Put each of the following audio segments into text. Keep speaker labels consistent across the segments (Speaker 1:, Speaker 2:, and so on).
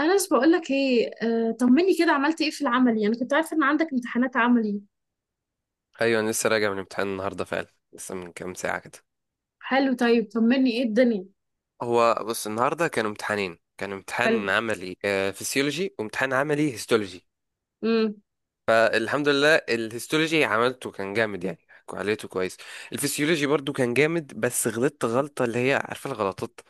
Speaker 1: أنس، بقول لك إيه، طمني كده. عملت إيه في العملي؟ أنا كنت عارفة إن عندك امتحانات عملي.
Speaker 2: ايوه انا لسه راجع من امتحان النهارده فعلا. لسه من كام ساعه كده.
Speaker 1: حلو، طيب طمني، إيه الدنيا؟
Speaker 2: هو بص، النهارده كانوا امتحانين، كان
Speaker 1: حلو.
Speaker 2: امتحان عملي فسيولوجي وامتحان عملي هيستولوجي.
Speaker 1: امم.
Speaker 2: الحمد لله الهيستولوجي عملته، كان جامد يعني، عملته كويس. الفسيولوجي برضو كان جامد، بس غلطت غلطه اللي هي عارفه الغلطات،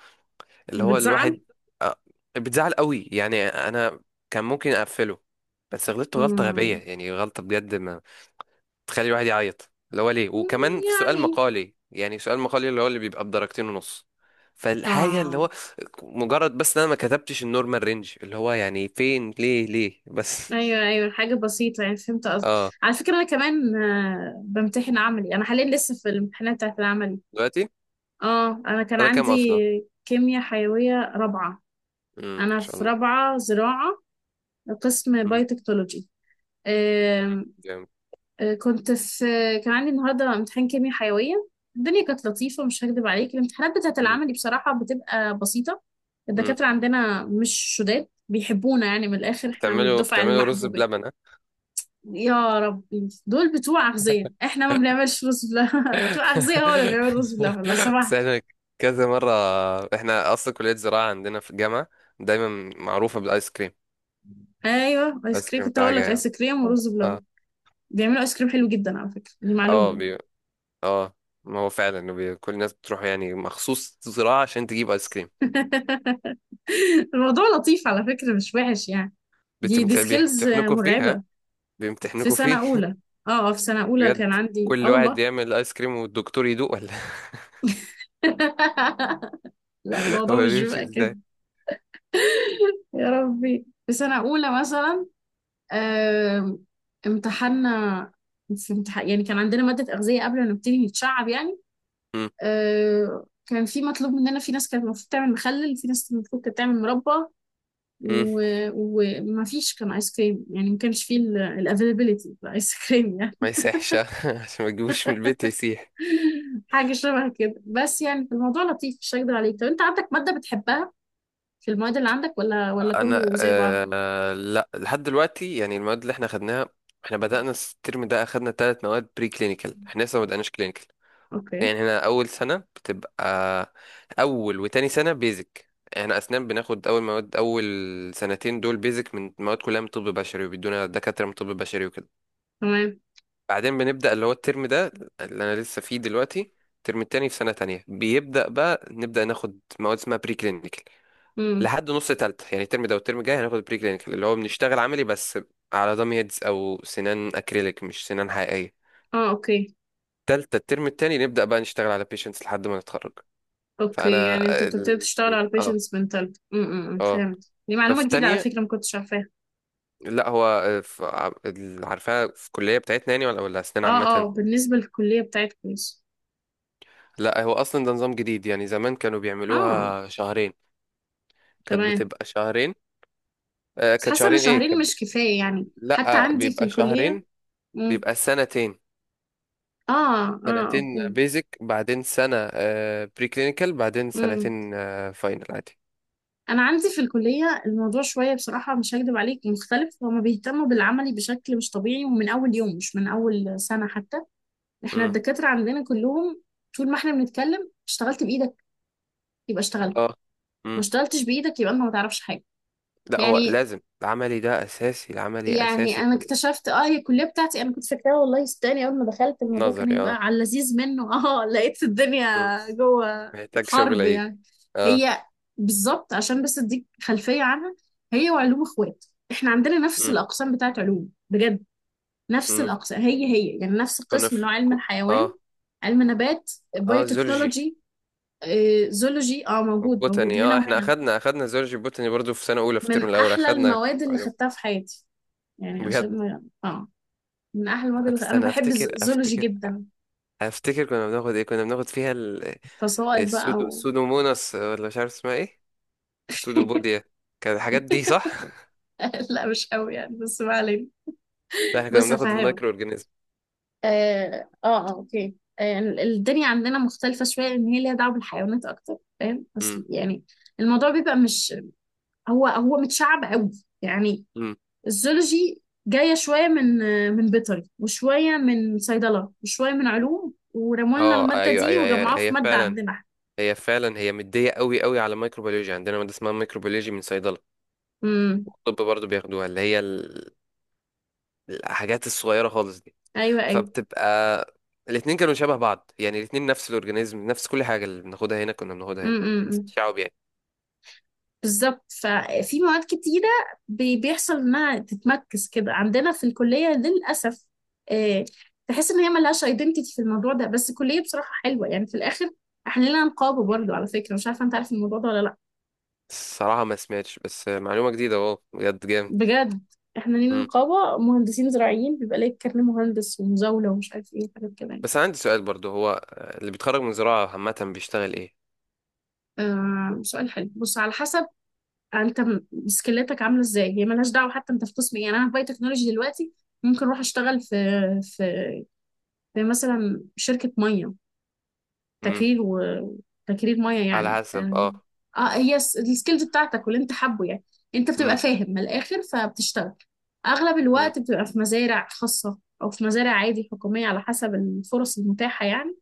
Speaker 2: اللي
Speaker 1: اللي
Speaker 2: هو
Speaker 1: بتزعل.
Speaker 2: الواحد. آه، بتزعل قوي يعني، انا كان ممكن اقفله، بس غلطت غلطه غبيه
Speaker 1: امم.
Speaker 2: يعني، غلطه بجد تخلي الواحد يعيط، اللي هو ليه، وكمان في سؤال
Speaker 1: يعني.
Speaker 2: مقالي، يعني سؤال مقالي اللي هو اللي بيبقى بدرجتين ونص. فالحاجة اللي
Speaker 1: آه.
Speaker 2: هو مجرد بس ان انا ما كتبتش النورمال رينج اللي هو يعني فين، ليه بس.
Speaker 1: أيوه أيوه، حاجة بسيطة، يعني فهمت قصدك.
Speaker 2: اه.
Speaker 1: على فكرة أنا كمان، بمتحن عملي أنا حاليا، لسه في الامتحانات بتاعت العملي.
Speaker 2: دلوقتي
Speaker 1: أنا كان
Speaker 2: انا كام
Speaker 1: عندي
Speaker 2: اصلا؟
Speaker 1: كيمياء حيوية رابعة.
Speaker 2: امم، ان
Speaker 1: أنا
Speaker 2: شاء
Speaker 1: في
Speaker 2: الله.
Speaker 1: رابعة زراعة، قسم
Speaker 2: امم،
Speaker 1: بايوتكنولوجي.
Speaker 2: جامد.
Speaker 1: كنت في، كان عندي النهارده امتحان كيمياء حيويه. الدنيا كانت لطيفه، مش هكدب عليك، الامتحانات بتاعه
Speaker 2: امم.
Speaker 1: العملي بصراحه بتبقى بسيطه.
Speaker 2: امم.
Speaker 1: الدكاتره عندنا مش شداد، بيحبونا، يعني من الاخر احنا من
Speaker 2: بتعملوا
Speaker 1: الدفعه
Speaker 2: بتعملوا رز
Speaker 1: المحبوبه.
Speaker 2: بلبن ها؟
Speaker 1: يا ربي، دول بتوع اغذيه، احنا ما بنعملش رز بلبن. بتوع اغذيه هو اللي بيعمل رز بلبن لو
Speaker 2: بس
Speaker 1: سمحت.
Speaker 2: احنا كذا مرة، احنا اصلا كلية زراعة عندنا في الجامعة دايما معروفة بالايس كريم.
Speaker 1: ايوه، ايس
Speaker 2: الايس
Speaker 1: كريم،
Speaker 2: كريم
Speaker 1: كنت
Speaker 2: بتاعها
Speaker 1: هقول لك
Speaker 2: جامد.
Speaker 1: ايس كريم ورز بلبن.
Speaker 2: اه.
Speaker 1: بيعملوا ايس كريم حلو جدا على فكره، دي معلومه
Speaker 2: اه.
Speaker 1: يعني.
Speaker 2: اه. ما هو فعلا كل الناس بتروح يعني مخصوص زراعة عشان تجيب ايس كريم.
Speaker 1: الموضوع لطيف على فكره، مش وحش يعني. دي سكيلز
Speaker 2: بيمتحنوكوا فيه ها؟
Speaker 1: مرعبة. في
Speaker 2: بيمتحنوكوا فيه.
Speaker 1: سنة أولى. في سنة أولى
Speaker 2: بجد
Speaker 1: كان عندي،
Speaker 2: كل واحد
Speaker 1: والله.
Speaker 2: يعمل ايس كريم والدكتور يدوق ولا؟
Speaker 1: لا،
Speaker 2: هو
Speaker 1: الموضوع مش
Speaker 2: بيمشي
Speaker 1: بيبقى كده.
Speaker 2: ازاي؟
Speaker 1: يا ربي، في سنة أولى مثلا، آم، امتحنا. في امتحان يعني، كان عندنا مادة أغذية قبل ما نبتدي نتشعب يعني.
Speaker 2: مم.
Speaker 1: كان في مطلوب مننا، في ناس كانت المفروض تعمل مخلل، في ناس المفروض كانت تعمل مربى.
Speaker 2: مم.
Speaker 1: وما فيش كان ايس كريم، يعني ما كانش فيه الافيلابيلتي الايس كريم يعني.
Speaker 2: ما يسيحش. ها؟ عشان ما تجيبوش من البيت يسيح.
Speaker 1: حاجة شبه كده بس، يعني في الموضوع لطيف، مش هكدب عليك. طب انت عندك مادة بتحبها في المواد اللي عندك، ولا
Speaker 2: انا
Speaker 1: كله زي
Speaker 2: آه،
Speaker 1: بعضه؟
Speaker 2: لا لحد دلوقتي يعني المواد اللي احنا خدناها، احنا بدأنا الترم ده اخدنا ثلاث مواد بري كلينيكال، احنا لسه ما بدأناش كلينيكال.
Speaker 1: اوكي.
Speaker 2: يعني هنا اول سنه بتبقى اول وتاني سنه بيزك، احنا اسنان بناخد اول مواد، اول سنتين دول بيزك من مواد كلها من طب بشري، وبيدونا دكاتره من طب بشري وكده.
Speaker 1: تمام.
Speaker 2: بعدين بنبدا اللي هو الترم ده اللي انا لسه فيه دلوقتي، الترم التاني في سنه تانية بيبدا بقى نبدا ناخد مواد اسمها بري كلينيكال
Speaker 1: امم.
Speaker 2: لحد نص تالتة. يعني الترم ده والترم الجاي هناخد بري كلينيكال اللي هو بنشتغل عملي بس على دام هيدز او سنان اكريليك، مش سنان حقيقيه.
Speaker 1: اه، اوكي.
Speaker 2: تالتة الترم التاني نبدا بقى نشتغل على بيشنتس لحد ما نتخرج.
Speaker 1: اوكي،
Speaker 2: فانا
Speaker 1: يعني انت بتبتدي
Speaker 2: ال-
Speaker 1: تشتغل على
Speaker 2: اه.
Speaker 1: البيشنتس منتاليتي. امم،
Speaker 2: اه.
Speaker 1: فهمت، دي معلومة
Speaker 2: ففي
Speaker 1: جديدة على
Speaker 2: تانية
Speaker 1: فكرة، ما كنتش عارفاها.
Speaker 2: لا هو عارفاها في الكلية بتاعتنا يعني، ولا أسنان
Speaker 1: اه اه،
Speaker 2: عامة؟
Speaker 1: بالنسبة للكلية بتاعتكم بس.
Speaker 2: لا هو أصلا ده نظام جديد، يعني زمان كانوا
Speaker 1: اه.
Speaker 2: بيعملوها شهرين، كانت
Speaker 1: تمام.
Speaker 2: بتبقى شهرين. آه
Speaker 1: بس
Speaker 2: كانت
Speaker 1: حاسة ان
Speaker 2: شهرين، إيه
Speaker 1: شهرين مش كفاية يعني حتى
Speaker 2: لا
Speaker 1: عندي في
Speaker 2: بيبقى
Speaker 1: الكلية.
Speaker 2: شهرين،
Speaker 1: امم.
Speaker 2: بيبقى سنتين.
Speaker 1: اه اه،
Speaker 2: سنتين
Speaker 1: اوكي.
Speaker 2: بيزك، بعدين سنة بري كلينيكال، بعدين سنتين فاينل عادي.
Speaker 1: انا عندي في الكليه الموضوع شويه بصراحه، مش هكدب عليك، مختلف. هما بيهتموا بالعملي بشكل مش طبيعي، ومن اول يوم، مش من اول سنه حتى. احنا
Speaker 2: امم.
Speaker 1: الدكاتره عندنا كلهم، طول ما احنا بنتكلم اشتغلت بايدك يبقى اشتغلت،
Speaker 2: اه.
Speaker 1: ما
Speaker 2: امم.
Speaker 1: اشتغلتش بايدك يبقى انت ما تعرفش حاجه.
Speaker 2: لا هو
Speaker 1: يعني،
Speaker 2: لازم العملي ده أساسي، العملي
Speaker 1: يعني
Speaker 2: أساسي
Speaker 1: انا
Speaker 2: في
Speaker 1: اكتشفت، هي الكليه بتاعتي انا كنت فاكراها، والله صدقني، اول ما دخلت الموضوع كان
Speaker 2: النظري
Speaker 1: هيبقى
Speaker 2: اه.
Speaker 1: على اللذيذ منه. اه لقيت الدنيا
Speaker 2: مم.
Speaker 1: جوه
Speaker 2: محتاج شغل
Speaker 1: حرب
Speaker 2: عيد.
Speaker 1: يعني.
Speaker 2: اه.
Speaker 1: هي بالظبط، عشان بس اديك خلفيه عنها، هي وعلوم اخوات. احنا عندنا نفس
Speaker 2: امم.
Speaker 1: الاقسام بتاعت علوم بجد، نفس
Speaker 2: امم.
Speaker 1: الاقسام هي هي، يعني نفس
Speaker 2: انا
Speaker 1: القسم اللي هو علم الحيوان،
Speaker 2: اه.
Speaker 1: علم نبات،
Speaker 2: اه، زولجي
Speaker 1: بايوتكنولوجي. زولوجي موجود موجود
Speaker 2: وبوتاني
Speaker 1: هنا
Speaker 2: اه، احنا
Speaker 1: وهنا.
Speaker 2: اخدنا زولجي بوتاني برضو في سنة اولى في الترم
Speaker 1: من
Speaker 2: الاول
Speaker 1: احلى
Speaker 2: اخدنا
Speaker 1: المواد اللي
Speaker 2: علوم.
Speaker 1: خدتها في حياتي، يعني
Speaker 2: بجد.
Speaker 1: عشان من احلى المواد، اللي انا
Speaker 2: استنى
Speaker 1: بحب
Speaker 2: افتكر،
Speaker 1: الزولوجي
Speaker 2: افتكر
Speaker 1: جدا.
Speaker 2: افتكر كنا بناخد ايه، كنا بناخد فيها
Speaker 1: فصائل بقى
Speaker 2: السودو،
Speaker 1: و...
Speaker 2: السودوموناس ولا مش عارف اسمها ايه، السودوبوديا، كانت الحاجات دي صح.
Speaker 1: لا مش قوي يعني، بس ما علينا.
Speaker 2: لا احنا كنا
Speaker 1: بص
Speaker 2: بناخد
Speaker 1: هفهمك.
Speaker 2: المايكرو اورجانيزم.
Speaker 1: اه اه، اوكي، الدنيا عندنا مختلفة شوية، إن هي ليها دعوة بالحيوانات أكتر، فاهم، بس
Speaker 2: امم.
Speaker 1: يعني الموضوع بيبقى مش، هو هو متشعب قوي يعني.
Speaker 2: امم.
Speaker 1: الزولوجي جاية شوية من بيطري، وشوية من صيدلة، وشوية من علوم، ورموا لنا
Speaker 2: اه
Speaker 1: المادة
Speaker 2: ايوه
Speaker 1: دي
Speaker 2: ايوه، هي
Speaker 1: وجمعوها في
Speaker 2: هي
Speaker 1: مادة
Speaker 2: فعلا،
Speaker 1: عندنا.
Speaker 2: هي فعلا هي مديه قوي قوي، على مايكروبيولوجي عندنا ماده اسمها مايكروبيولوجي من صيدله،
Speaker 1: امم.
Speaker 2: الطب برضه بياخدوها، اللي هي الحاجات الصغيرة خالص دي.
Speaker 1: أيوه أيوه.
Speaker 2: فبتبقى الاتنين كانوا شبه بعض، يعني الاتنين نفس الأورجانيزم نفس كل حاجة، اللي بناخدها هنا كنا بناخدها هنا، بس
Speaker 1: امم.
Speaker 2: الشعب يعني.
Speaker 1: بالظبط، ففي مواد كتيرة بيحصل انها تتمركز كده عندنا في الكلية للأسف. آه، تحس ان هي ملهاش ايدنتيتي في الموضوع ده، بس الكلية بصراحة حلوة يعني في الآخر. احنا لينا نقابة برضو،
Speaker 2: مم.
Speaker 1: على فكرة، مش عارفة انت عارف الموضوع ده ولا لا.
Speaker 2: الصراحة ما سمعتش، بس معلومة جديدة اهو، بجد جامد.
Speaker 1: بجد، احنا لينا
Speaker 2: مم.
Speaker 1: نقابة مهندسين زراعيين، بيبقى ليك كارنيه مهندس ومزاولة ومش عارف ايه، وحاجات كده يعني.
Speaker 2: بس عندي سؤال برضه، هو اللي بيتخرج من زراعة عامة بيشتغل ايه؟
Speaker 1: سؤال حلو، بص على حسب. انت سكيلاتك عامله ازاي، هي ملهاش دعوه، حتى انت في قسم ايه؟ يعني انا في باي تكنولوجي دلوقتي، ممكن اروح اشتغل في زي مثلا شركة مية،
Speaker 2: مم.
Speaker 1: تكرير، وتكرير مية يعني.
Speaker 2: على حسب
Speaker 1: اه
Speaker 2: اه.
Speaker 1: هي السكيلز بتاعتك، واللي انت حابه يعني. انت بتبقى
Speaker 2: مم.
Speaker 1: فاهم من الآخر فبتشتغل أغلب
Speaker 2: مم.
Speaker 1: الوقت، بتبقى في مزارع خاصة أو في مزارع عادي حكومية على حسب الفرص المتاحة يعني.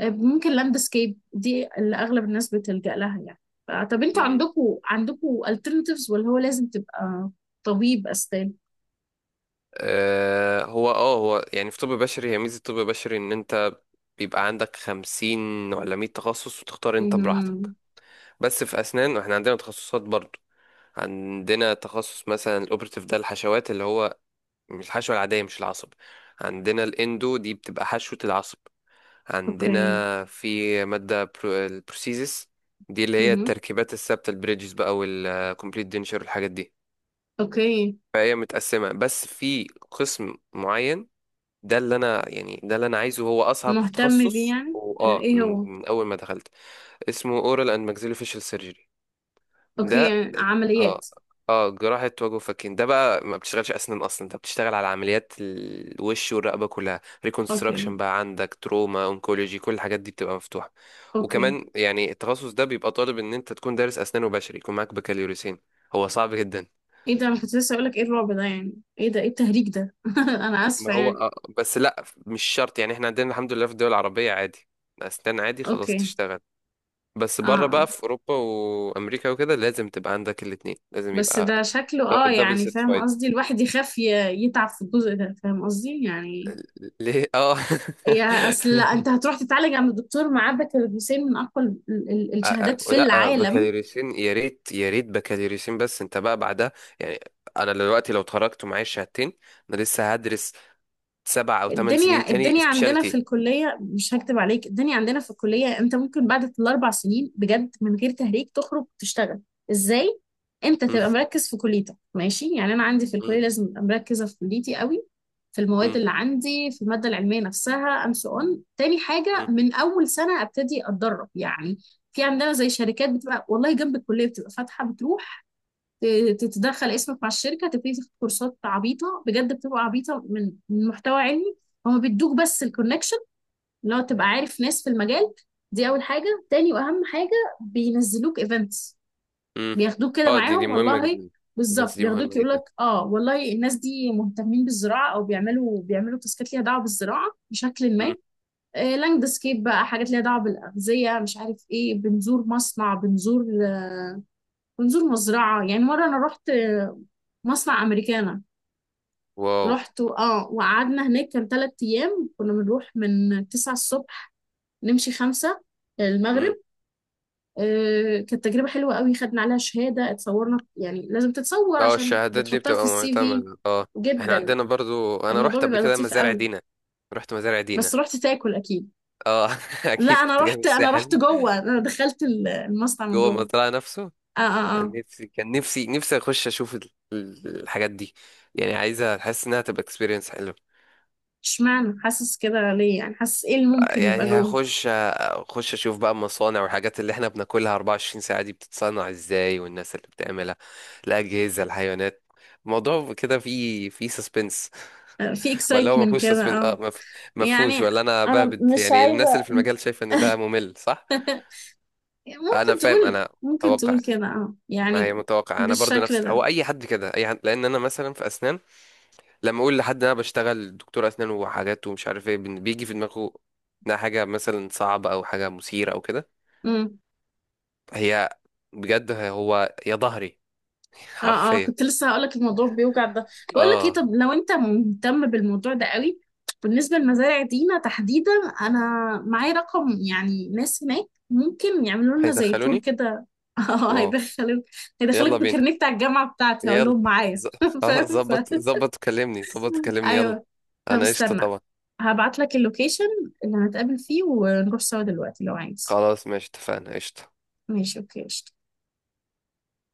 Speaker 1: ممكن لاندسكيب، دي اللي أغلب الناس بتلجأ لها يعني. طب انتوا
Speaker 2: مم.
Speaker 1: عندكوا alternatives، ولا هو لازم تبقى طبيب أسنان؟
Speaker 2: آه هو اه، هو يعني في طب بشري، هي ميزة طب بشري ان انت بيبقى عندك خمسين ولا مية تخصص وتختار انت
Speaker 1: مهم.
Speaker 2: براحتك. بس في اسنان احنا عندنا تخصصات برضو. عندنا تخصص مثلا الاوبرتيف، ده الحشوات اللي هو مش الحشوه العاديه، مش العصب. عندنا الاندو، دي بتبقى حشوه العصب. عندنا
Speaker 1: اوكي.
Speaker 2: في ماده البروسيزس، دي اللي هي
Speaker 1: مهم.
Speaker 2: التركيبات الثابته، البريدجز بقى والكومبليت دينشر والحاجات دي.
Speaker 1: اوكي،
Speaker 2: فهي متقسمه، بس في قسم معين ده اللي انا يعني، ده اللي انا عايزه، هو اصعب
Speaker 1: مهتم بيه،
Speaker 2: تخصص،
Speaker 1: يعني
Speaker 2: واه
Speaker 1: ايه
Speaker 2: من
Speaker 1: هو؟
Speaker 2: من اول ما دخلت اسمه اورال اند maxillofacial سيرجري.
Speaker 1: اوكي،
Speaker 2: ده
Speaker 1: يعني
Speaker 2: اه،
Speaker 1: عمليات.
Speaker 2: اه جراحة وجه وفكين. ده بقى ما بتشتغلش أسنان أصلا، أنت بتشتغل على عمليات الوش والرقبة كلها،
Speaker 1: اوكي.
Speaker 2: ريكونستراكشن بقى، عندك تروما، أونكولوجي، كل الحاجات دي بتبقى مفتوحة.
Speaker 1: اوكي.
Speaker 2: وكمان يعني التخصص ده بيبقى طالب إن أنت تكون دارس أسنان وبشري، يكون معاك بكالوريوسين. هو صعب جدا.
Speaker 1: ايه ده، انا كنت لسه اقولك، ايه الرعب ده يعني، ايه ده، ايه التهريج ده؟ انا اسفة
Speaker 2: ما هو
Speaker 1: يعني.
Speaker 2: آه. بس لأ مش شرط يعني، إحنا عندنا الحمد لله في الدول العربية عادي، أسنان عادي خلاص
Speaker 1: اوكي.
Speaker 2: تشتغل. بس
Speaker 1: اه.
Speaker 2: بره
Speaker 1: آه.
Speaker 2: بقى في أوروبا وأمريكا وكده لازم تبقى عندك الاتنين، لازم
Speaker 1: بس
Speaker 2: يبقى
Speaker 1: ده شكله،
Speaker 2: دبل
Speaker 1: يعني فاهم
Speaker 2: سيرتيفايد.
Speaker 1: قصدي، الواحد يخاف يتعب في الجزء ده، فاهم قصدي يعني.
Speaker 2: ليه اه.
Speaker 1: يا اصل لا، انت هتروح تتعالج عند الدكتور معاه بكالوريوسين من اقوى
Speaker 2: آه،
Speaker 1: الشهادات
Speaker 2: آه،
Speaker 1: في
Speaker 2: لا آه،
Speaker 1: العالم.
Speaker 2: بكالوريوسين يا ريت بكالوريوسين، بس انت بقى بعدها يعني، انا دلوقتي لو اتخرجت ومعايا الشهادتين، انا لسه هدرس سبع او ثمان سنين
Speaker 1: الدنيا
Speaker 2: تاني
Speaker 1: الدنيا عندنا في
Speaker 2: سبيشاليتي.
Speaker 1: الكلية، مش هكتب عليك، الدنيا عندنا في الكلية، انت ممكن بعد الاربع سنين، بجد من غير تهريج، تخرج تشتغل. ازاي؟ انت
Speaker 2: مم،
Speaker 1: تبقى مركز في كليتك ماشي، يعني انا عندي في
Speaker 2: مم،
Speaker 1: الكلية لازم ابقى مركزة في كليتي قوي، في المواد
Speaker 2: مم،
Speaker 1: اللي عندي، في المادة العلمية نفسها and so on. تاني حاجة،
Speaker 2: مم،
Speaker 1: من اول سنة ابتدي اتدرب يعني. في عندنا زي شركات بتبقى، والله، جنب الكلية بتبقى فاتحة، بتروح تتدخل اسمك مع الشركه، تبتدي تاخد كورسات عبيطه بجد، بتبقى عبيطه من من محتوى علمي، هما بيدوك بس الكونكشن، اللي هو تبقى عارف ناس في المجال. دي اول حاجه. تاني واهم حاجه، بينزلوك ايفنتس،
Speaker 2: مم.
Speaker 1: بياخدوك كده
Speaker 2: اه دي
Speaker 1: معاهم
Speaker 2: مهمة
Speaker 1: والله.
Speaker 2: جدا.
Speaker 1: بالظبط،
Speaker 2: البنس دي
Speaker 1: بياخدوك،
Speaker 2: مهمة
Speaker 1: يقول لك
Speaker 2: جدا.
Speaker 1: والله الناس دي مهتمين بالزراعه، او بيعملوا تاسكات ليها دعوه بالزراعه بشكل ما.
Speaker 2: مم.
Speaker 1: لاند سكيب بقى، حاجات ليها دعوه بالاغذيه، مش عارف ايه، بنزور مصنع، بنزور ونزور مزرعة يعني. مرة أنا رحت مصنع أمريكانا،
Speaker 2: واو.
Speaker 1: رحت وقعدنا هناك كان 3 أيام، كنا بنروح من 9 الصبح نمشي خمسة، المغرب.
Speaker 2: مم.
Speaker 1: كانت تجربة حلوة قوي، خدنا عليها شهادة، اتصورنا يعني لازم تتصور
Speaker 2: اه
Speaker 1: عشان
Speaker 2: الشهادات دي
Speaker 1: بتحطها في
Speaker 2: بتبقى
Speaker 1: CV.
Speaker 2: معتمدة اه. احنا
Speaker 1: جدا.
Speaker 2: عندنا برضو، انا
Speaker 1: الموضوع
Speaker 2: رحت قبل
Speaker 1: بيبقى
Speaker 2: كده
Speaker 1: لطيف
Speaker 2: مزارع
Speaker 1: قوي.
Speaker 2: دينا، رحت مزارع دينا.
Speaker 1: بس رحت تاكل أكيد؟
Speaker 2: اه
Speaker 1: لا
Speaker 2: اكيد،
Speaker 1: أنا
Speaker 2: كنت جاي من
Speaker 1: رحت، أنا رحت
Speaker 2: الساحل.
Speaker 1: جوه، أنا دخلت المصنع من
Speaker 2: جوه
Speaker 1: جوه.
Speaker 2: المزرعة نفسه.
Speaker 1: اه اه اه.
Speaker 2: أنا نفسي، كان نفسي نفسي اخش اشوف الحاجات دي، يعني عايزه احس انها تبقى اكسبيرينس حلوه.
Speaker 1: اشمعنى حاسس كده ليه؟ يعني حاسس ايه اللي ممكن يبقى
Speaker 2: يعني
Speaker 1: جوه؟
Speaker 2: هخش، اخش اشوف بقى المصانع والحاجات اللي احنا بناكلها 24 ساعه دي بتتصنع ازاي، والناس اللي بتعملها، الاجهزه، الحيوانات. الموضوع كده فيه، فيه سسبنس،
Speaker 1: في
Speaker 2: ولا هو ما
Speaker 1: اكسايتمنت
Speaker 2: فيهوش
Speaker 1: كده،
Speaker 2: سسبنس؟
Speaker 1: اه.
Speaker 2: اه، ما فيهوش
Speaker 1: يعني
Speaker 2: ولا انا
Speaker 1: انا
Speaker 2: بهبد،
Speaker 1: مش
Speaker 2: يعني
Speaker 1: عايزه،
Speaker 2: الناس اللي في المجال شايفه ان ده ممل صح؟ انا
Speaker 1: ممكن
Speaker 2: فاهم،
Speaker 1: تقول
Speaker 2: انا
Speaker 1: ممكن
Speaker 2: متوقع،
Speaker 1: تقول كده،
Speaker 2: ما هي
Speaker 1: يعني
Speaker 2: متوقع انا برضو،
Speaker 1: بالشكل
Speaker 2: نفس
Speaker 1: ده.
Speaker 2: هو اي حد كده اي حد، لان انا مثلا في اسنان لما اقول لحد إن انا بشتغل دكتور اسنان وحاجات ومش عارف ايه، بيجي في دماغه انها حاجه مثلا صعبه او حاجه مثيره او كده.
Speaker 1: امم.
Speaker 2: هي بجد هو يا ظهري.
Speaker 1: اه اه،
Speaker 2: حرفيا.
Speaker 1: كنت لسه هقولك الموضوع بيوجع ده. بقول لك ايه،
Speaker 2: اه.
Speaker 1: طب لو انت مهتم بالموضوع ده قوي، بالنسبه لمزارع دينا تحديدا، انا معايا رقم، يعني ناس هناك ممكن يعملوا لنا زي تور
Speaker 2: هيدخلوني؟
Speaker 1: كده. اه
Speaker 2: واو.
Speaker 1: هيدخلك،
Speaker 2: يلا
Speaker 1: هيدخلك
Speaker 2: بينا،
Speaker 1: بكارنيه بتاع الجامعه بتاعتي، هقول
Speaker 2: يلا،
Speaker 1: لهم معايا.
Speaker 2: ز- خلاص
Speaker 1: فاهم
Speaker 2: ظبط، ظبط كلمني، ظبط كلمني يلا.
Speaker 1: ايوه، طب
Speaker 2: انا قشطه
Speaker 1: استنى،
Speaker 2: طبعا.
Speaker 1: هبعت لك اللوكيشن اللي هنتقابل فيه ونروح سوا دلوقتي لو عايز.
Speaker 2: خلاص ماشي، اتفقنا قشطه.
Speaker 1: ماشي، اوكي، قشطة.